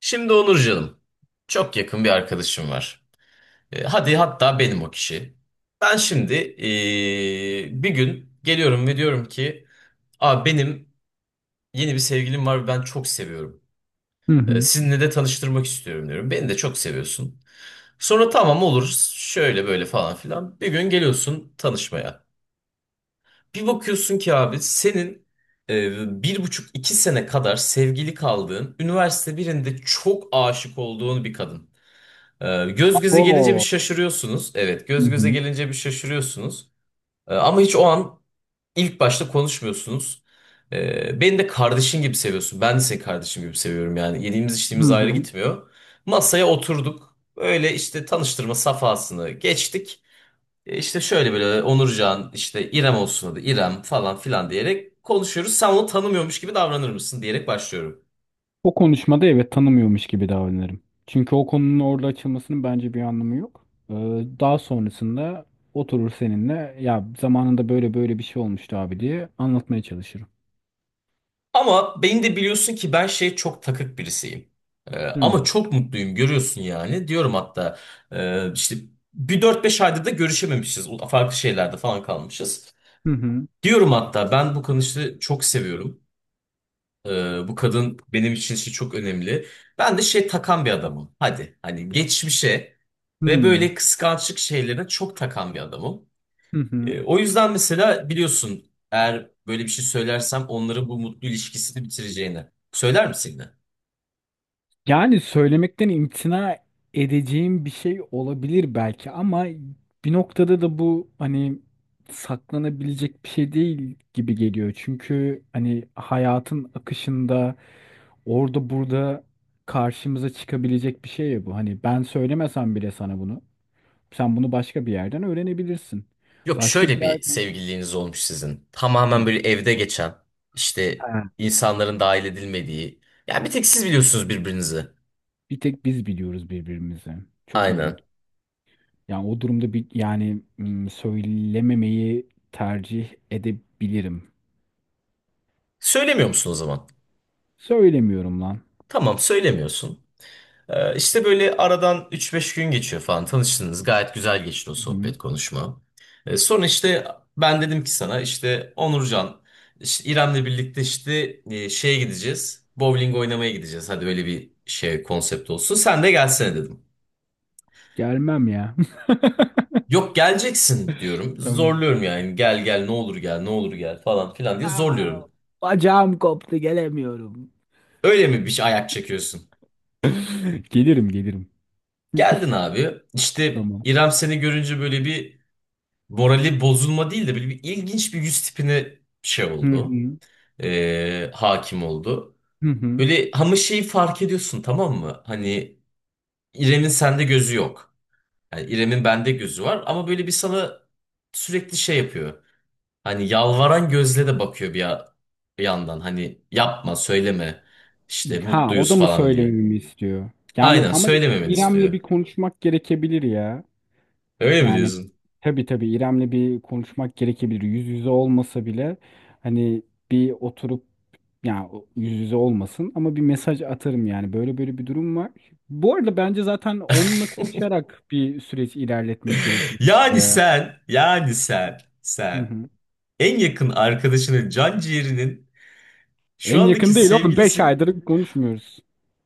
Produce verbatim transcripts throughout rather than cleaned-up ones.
Şimdi Onur çok yakın bir arkadaşım var. E, hadi hatta benim o kişi. Ben şimdi e, bir gün geliyorum ve diyorum ki, Aa, benim yeni bir sevgilim var ve ben çok seviyorum. Hı E, hı. Sizinle de tanıştırmak istiyorum diyorum. Beni de çok seviyorsun. Sonra tamam olur, şöyle böyle falan filan. Bir gün geliyorsun tanışmaya. Bir bakıyorsun ki abi senin e, bir buçuk iki sene kadar sevgili kaldığın, üniversite birinde çok aşık olduğun bir kadın. Ee, Göz göze gelince bir Oo. şaşırıyorsunuz. Evet, Hı göz göze hı. gelince bir şaşırıyorsunuz. Ee, Ama hiç o an ilk başta konuşmuyorsunuz. Ee, Beni de kardeşin gibi seviyorsun. Ben de seni kardeşim gibi seviyorum yani. Yediğimiz Hı içtiğimiz ayrı hı. gitmiyor. Masaya oturduk. Öyle işte tanıştırma safhasını geçtik. Ee, İşte şöyle böyle Onurcan, işte İrem olsun adı İrem falan filan diyerek konuşuyoruz. Sen onu tanımıyormuş gibi davranır mısın diyerek başlıyorum. O konuşmada evet tanımıyormuş gibi davranırım. Çünkü o konunun orada açılmasının bence bir anlamı yok. Ee, daha sonrasında oturur seninle ya zamanında böyle böyle bir şey olmuştu abi diye anlatmaya çalışırım. Ama beni de biliyorsun ki ben şey çok takık birisiyim. Ee, Hı hı. Ama çok mutluyum görüyorsun yani. Diyorum hatta e, işte bir dört beş aydır da görüşememişiz. O- Farklı şeylerde falan kalmışız. Diyorum hatta ben bu kadını çok seviyorum. Ee, bu kadın benim için işte çok önemli. Ben de şey takan bir adamım. Hadi hani geçmişe Hı ve hı. böyle kıskançlık şeylerine çok takan bir adamım. Hı hı. E, o yüzden mesela biliyorsun eğer böyle bir şey söylersem onların bu mutlu ilişkisini bitireceğini. Söyler misin yine? Yani söylemekten imtina edeceğim bir şey olabilir belki ama bir noktada da bu hani saklanabilecek bir şey değil gibi geliyor. Çünkü hani hayatın akışında orada burada karşımıza çıkabilecek bir şey ya bu. Hani ben söylemesem bile sana bunu, sen bunu başka bir yerden öğrenebilirsin. Yok, Başka bir şöyle bir yerden. sevgililiğiniz olmuş sizin. Hı. Tamamen böyle evde geçen, işte Ha, insanların dahil edilmediği. Yani bir tek siz biliyorsunuz birbirinizi. bir tek biz biliyoruz birbirimizi. Çok ilginç. Aynen. Yani o durumda bir yani hmm, söylememeyi tercih edebilirim. Söylemiyor musun o zaman? Söylemiyorum lan. Tamam, söylemiyorsun. Ee, işte böyle aradan üç beş gün geçiyor falan, tanıştınız. Gayet güzel geçti o Hı. sohbet konuşma. Ee, sonra işte ben dedim ki sana, işte Onurcan işte İrem'le birlikte işte e, şeye gideceğiz. Bowling oynamaya gideceğiz. Hadi öyle bir şey konsept olsun. Sen de gelsene dedim. Gelmem ya. Yok, geleceksin diyorum. Tamam. Zorluyorum yani. Gel gel ne olur gel ne olur gel falan filan diye zorluyorum. Bacağım koptu gelemiyorum. Öyle mi, bir şey ayak çekiyorsun? Gelirim gelirim. Geldin abi. İşte Tamam. İrem seni görünce böyle bir morali bozulma değil de böyle bir ilginç bir yüz tipine şey Hı oldu. hı. Ee, hakim oldu. Hı hı. Böyle ama şeyi fark ediyorsun, tamam mı? Hani İrem'in sende gözü yok. Yani İrem'in bende gözü var ama böyle bir sana sürekli şey yapıyor. Hani yalvaran gözle de bakıyor bir, ya- bir yandan. Hani yapma, söyleme işte Ha o mutluyuz da mı falan diye. söylememi istiyor? Yani Aynen, ama söylememeni İrem'le istiyor. bir konuşmak gerekebilir ya. Öyle mi Yani diyorsun? tabii tabii İrem'le bir konuşmak gerekebilir. Yüz yüze olmasa bile hani bir oturup yani o- yüz yüze olmasın ama bir mesaj atarım yani. Böyle böyle bir durum var. Bu arada bence zaten onunla konuşarak bir süreç ilerletmek gerekiyor burada Yani ya. sen, yani sen, Hı sen hı. en yakın arkadaşının can ciğerinin şu En andaki yakın değil oğlum. Beş sevgilisi. aydır konuşmuyoruz.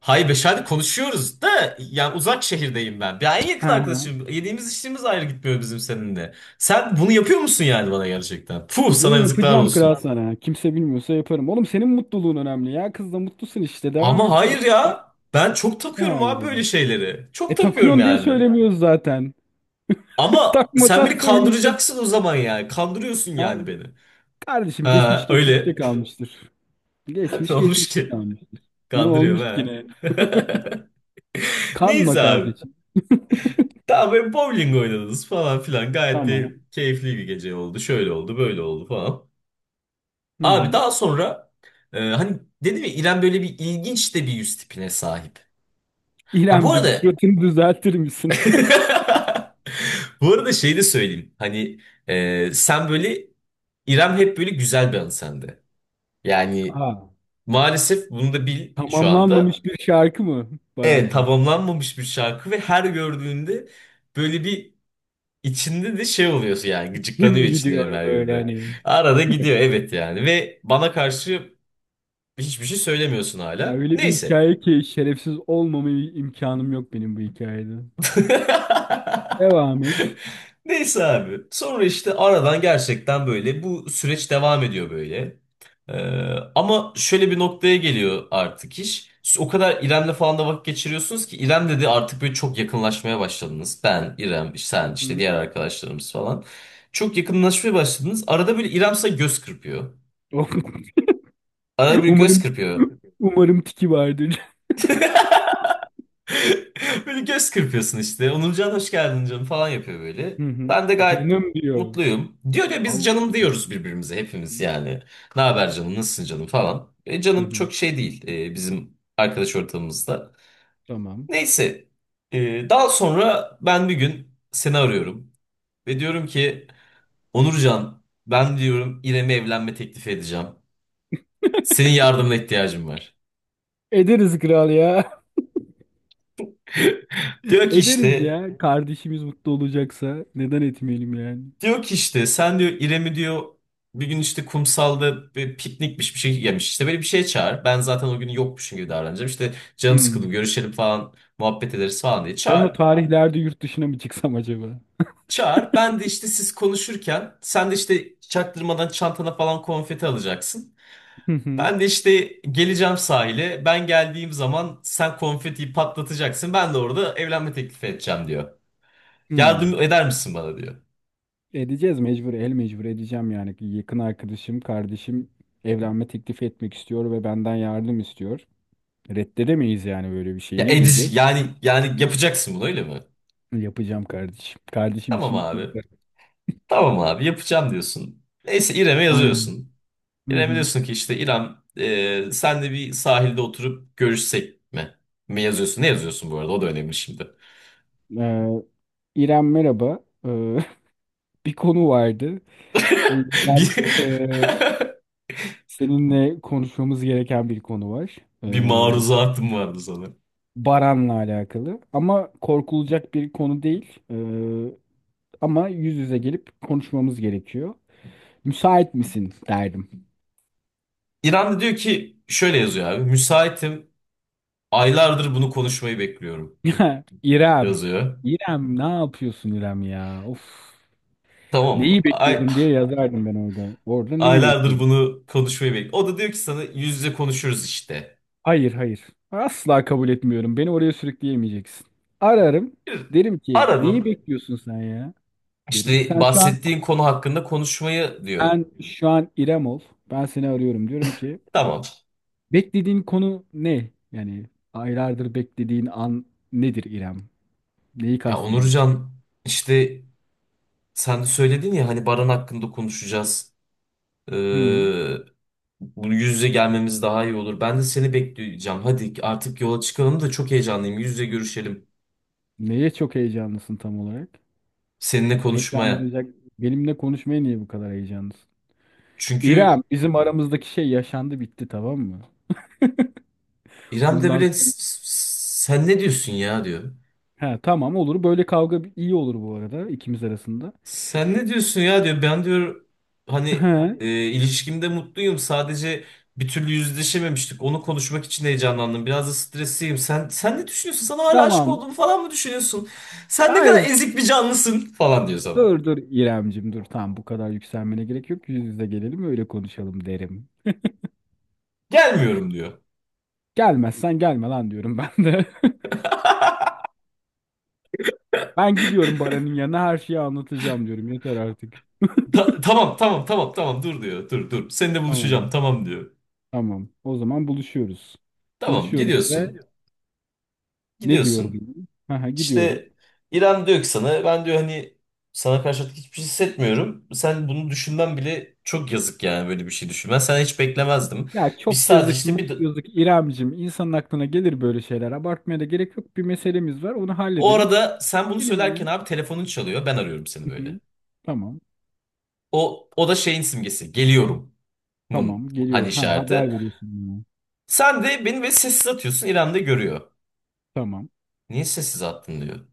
Hayır, Beşer'de konuşuyoruz da yani uzak şehirdeyim ben. Ben en Hı yakın hı. arkadaşım. Yediğimiz içtiğimiz ayrı gitmiyor bizim seninle. Sen bunu yapıyor musun yani bana gerçekten? Puh, Bunu sana yazıklar yapacağım kral olsun. sana. Kimse bilmiyorsa yaparım. Oğlum senin mutluluğun önemli ya. Kızla mutlusun işte. Devam Ama et. hayır ya. Ben çok Ne takıyorum hayır abi yani. böyle şeyleri. Çok E takıyorum takıyorsun diye yani. söylemiyoruz zaten. Ama sen Takmasan beni söyleyeceğiz. kandıracaksın o zaman yani. Kandırıyorsun yani Tamam. beni. Kardeşim geçmiş Ha, geçmişte öyle. kalmıştır. Ne Geçmiş olmuş geçmişte ki? kalmıştır. Ne olmuş Kandırıyorum ki ha. ne? Kanma Neyse abi. kardeşim. Daha böyle bowling oynadınız falan filan. Gayet de Tamam. keyifli bir gece oldu. Şöyle oldu, böyle oldu falan. Hı Abi hı. daha sonra e, hani dedim ya İrem böyle bir ilginç de bir yüz tipine sahip. Ha, bu İremcim arada, suratını düzeltir misin? bu arada şey de söyleyeyim. Hani e, sen böyle, İrem hep böyle güzel bir hanım sende. Yani Aa, maalesef bunu da bil şu anda. tamamlanmamış bir şarkı mı Evet, Barancım? tamamlanmamış bir şarkı ve her gördüğünde böyle bir İçinde de şey oluyorsun yani, gıcıklanıyor Kim içinde gidiyor böyle Merve'de. hani? Arada gidiyor evet yani, ve bana karşı hiçbir şey söylemiyorsun Ya hala. öyle bir Neyse. hikaye ki şerefsiz olmama imkanım yok benim bu hikayede. Devam et. Neyse abi. Sonra işte aradan gerçekten böyle bu süreç devam ediyor böyle. Ee, Ama şöyle bir noktaya geliyor artık iş. Siz o kadar İrem'le falan da vakit geçiriyorsunuz ki, İrem dedi, artık böyle çok yakınlaşmaya başladınız. Ben, İrem, sen Hı işte hı. diğer arkadaşlarımız falan. Çok yakınlaşmaya başladınız. Arada böyle İrem size göz kırpıyor. Arada bir göz Umarım kırpıyor. umarım tiki vardır. Böyle göz kırpıyorsun işte. Onurcan hoş geldin canım falan yapıyor böyle. Hı hı. Ben de gayet Canım diyor. mutluyum. Diyor ya, biz Allah. canım diyoruz birbirimize hepimiz yani. Ne haber canım, nasılsın canım falan. E, Hı Canım hı, çok şey değil e, bizim arkadaş ortamımızda. tamam. Neyse, e, daha sonra ben bir gün seni arıyorum. Ve diyorum ki, Onurcan ben diyorum İrem'e evlenme teklifi edeceğim. Senin yardımına ihtiyacım var. Ederiz kral ya. Diyor ki Ederiz işte ya. Kardeşimiz mutlu olacaksa neden etmeyelim yani? Diyor ki işte sen diyor İrem'i diyor bir gün işte kumsalda bir piknikmiş bir şey yemiş. İşte böyle bir şeye çağır. Ben zaten o gün yokmuşum gibi davranacağım. İşte canım sıkıldı Hmm. görüşelim falan muhabbet ederiz falan diye Ben o çağır. tarihlerde yurt dışına mı çıksam acaba? Çağır. Ben de işte siz konuşurken sen de işte çaktırmadan çantana falan konfeti alacaksın. Hı hı. Ben de işte geleceğim sahile. Ben geldiğim zaman sen konfetiyi patlatacaksın. Ben de orada evlenme teklifi edeceğim diyor. Hmm. Yardım eder misin bana diyor. Edeceğiz mecbur, el mecbur edeceğim yani. Yakın arkadaşım, kardeşim evlenme teklifi etmek istiyor ve benden yardım istiyor. Reddedemeyiz yani böyle bir şey. Ya Ne diyeceğiz? edici yani yani yapacaksın bunu öyle mi? Yapacağım kardeşim. Kardeşim Tamam için abi. yaparım. Tamam abi yapacağım diyorsun. Neyse, İrem'e Aynen. yazıyorsun. Hı İrem'e hı. diyorsun ki, işte İrem, e, sen de bir sahilde oturup görüşsek mi? Mi yazıyorsun? Ne yazıyorsun bu arada? O da önemli şimdi. Ee, İrem merhaba. Ee, bir konu vardı. O Bir, yüzden e, seninle konuşmamız gereken bir konu var. E, bir maruzatım vardı sana. Baran'la alakalı. Ama korkulacak bir konu değil. E, ama yüz yüze gelip konuşmamız gerekiyor. Müsait misin derdim. İrem de diyor ki şöyle yazıyor abi. Müsaitim. Aylardır bunu konuşmayı bekliyorum. İrem. Yazıyor. İrem ne yapıyorsun İrem ya? Of. Tamam mı? Neyi Ay, bekliyordun diye yazardım ben orada. Orada neyi aylardır bekliyordun? bunu konuşmayı bekliyorum. O da diyor ki sana yüz yüze konuşuruz işte. Hayır, hayır. Asla kabul etmiyorum. Beni oraya sürükleyemeyeceksin. Ararım. Bir. Derim ki Aradın. neyi bekliyorsun sen ya, derim. İşte Sen şu an bahsettiğin konu hakkında konuşmayı diyor. sen şu an İrem ol. Ben seni arıyorum. Diyorum ki Tamam. beklediğin konu ne? Yani aylardır beklediğin an nedir İrem? Neyi Ya kastediyorsun? Onurcan, işte sen de söyledin ya hani Baran hakkında konuşacağız. Hı. Ee, Bu yüz yüze gelmemiz daha iyi olur. Ben de seni bekleyeceğim. Hadi artık yola çıkalım da çok heyecanlıyım. Yüz yüze görüşelim. Neye çok heyecanlısın tam olarak? Seninle konuşmaya. Heyecanlanacak. Benimle konuşmaya niye bu kadar heyecanlısın? İrem, Çünkü bizim aramızdaki şey yaşandı bitti tamam mı? İrem de Bundan böyle, "S- sonra s- Sen ne diyorsun ya" diyor. he, tamam olur. Böyle kavga iyi olur bu arada ikimiz arasında. Sen ne diyorsun ya diyor. Ben diyor hani He, e, ilişkimde mutluyum. Sadece bir türlü yüzleşememiştik. Onu konuşmak için heyecanlandım. Biraz da stresliyim. Sen sen ne düşünüyorsun? Sana hala aşık tamam. olduğumu falan mı düşünüyorsun? Sen ne kadar Hayır ezik bir canlısın falan diyor sana. Dur dur İremcim dur tamam bu kadar yükselmene gerek yok. Yüz yüze gelelim öyle konuşalım derim. Gelmiyorum diyor. Gelmezsen gelme lan diyorum ben de. Ben gidiyorum Baran'ın yanına her şeyi anlatacağım diyorum. Yeter artık. Ta- tamam tamam tamam tamam dur diyor. Dur dur. Seninle buluşacağım Tamam tamam diyor. tamam o zaman buluşuyoruz. Tamam, Buluşuyoruz gidiyorsun. ve ne Gidiyorsun. diyorum? Aha, gidiyorum. İşte İrem diyor ki sana, ben diyor hani sana karşı artık hiçbir şey hissetmiyorum. Sen bunu düşünmen bile çok yazık, yani böyle bir şey düşünmen. Sen, hiç beklemezdim. Ya Biz çok sadece yazık işte mı bir, yazık İremcim insanın aklına gelir böyle şeyler. Abartmaya da gerek yok. Bir meselemiz var onu o halledelim. arada sen bunu Gidelim söylerken ya. abi telefonun çalıyor. Ben arıyorum seni Hı böyle. hı. Tamam O o da şeyin simgesi. Geliyorumun tamam hani geliyorum. Ha işareti. haber veriyorsun bana. Sen de beni böyle sessiz atıyorsun. İrem de görüyor. Tamam. Niye sessiz attın diyor.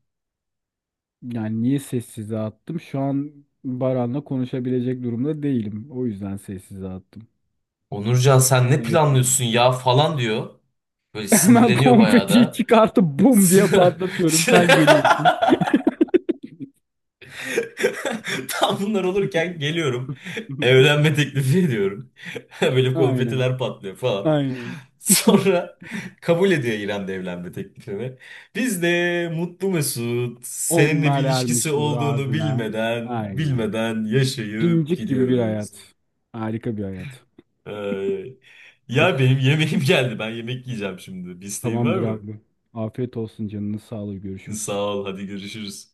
Yani niye sessize attım? Şu an Baran'la konuşabilecek durumda değilim. O yüzden sessize attım. Onurcan sen ne Gayet planlıyorsun iyi. ya falan diyor. Böyle Hemen sinirleniyor bayağı konfetiyi da. çıkartıp bum diye patlatıyorum. Sen geliyorsun. Tam bunlar olurken geliyorum. Evlenme teklifi ediyorum. Böyle Aynen. konfetiler patlıyor falan. Aynen. Sonra kabul ediyor İrem de evlenme teklifimi. Biz de mutlu mesut seninle bir Onlar ilişkisi ermiş olduğunu muradına. bilmeden Aynen. bilmeden yaşayıp Cincik gibi bir gidiyoruz. hayat. Harika bir hayat. Ay. Ya benim yemeğim geldi. Ben yemek yiyeceğim şimdi. Bir isteğin var Tamamdır mı? abi. Afiyet olsun canını sağlığı. Görüşürüz. Sağ ol. Hadi görüşürüz.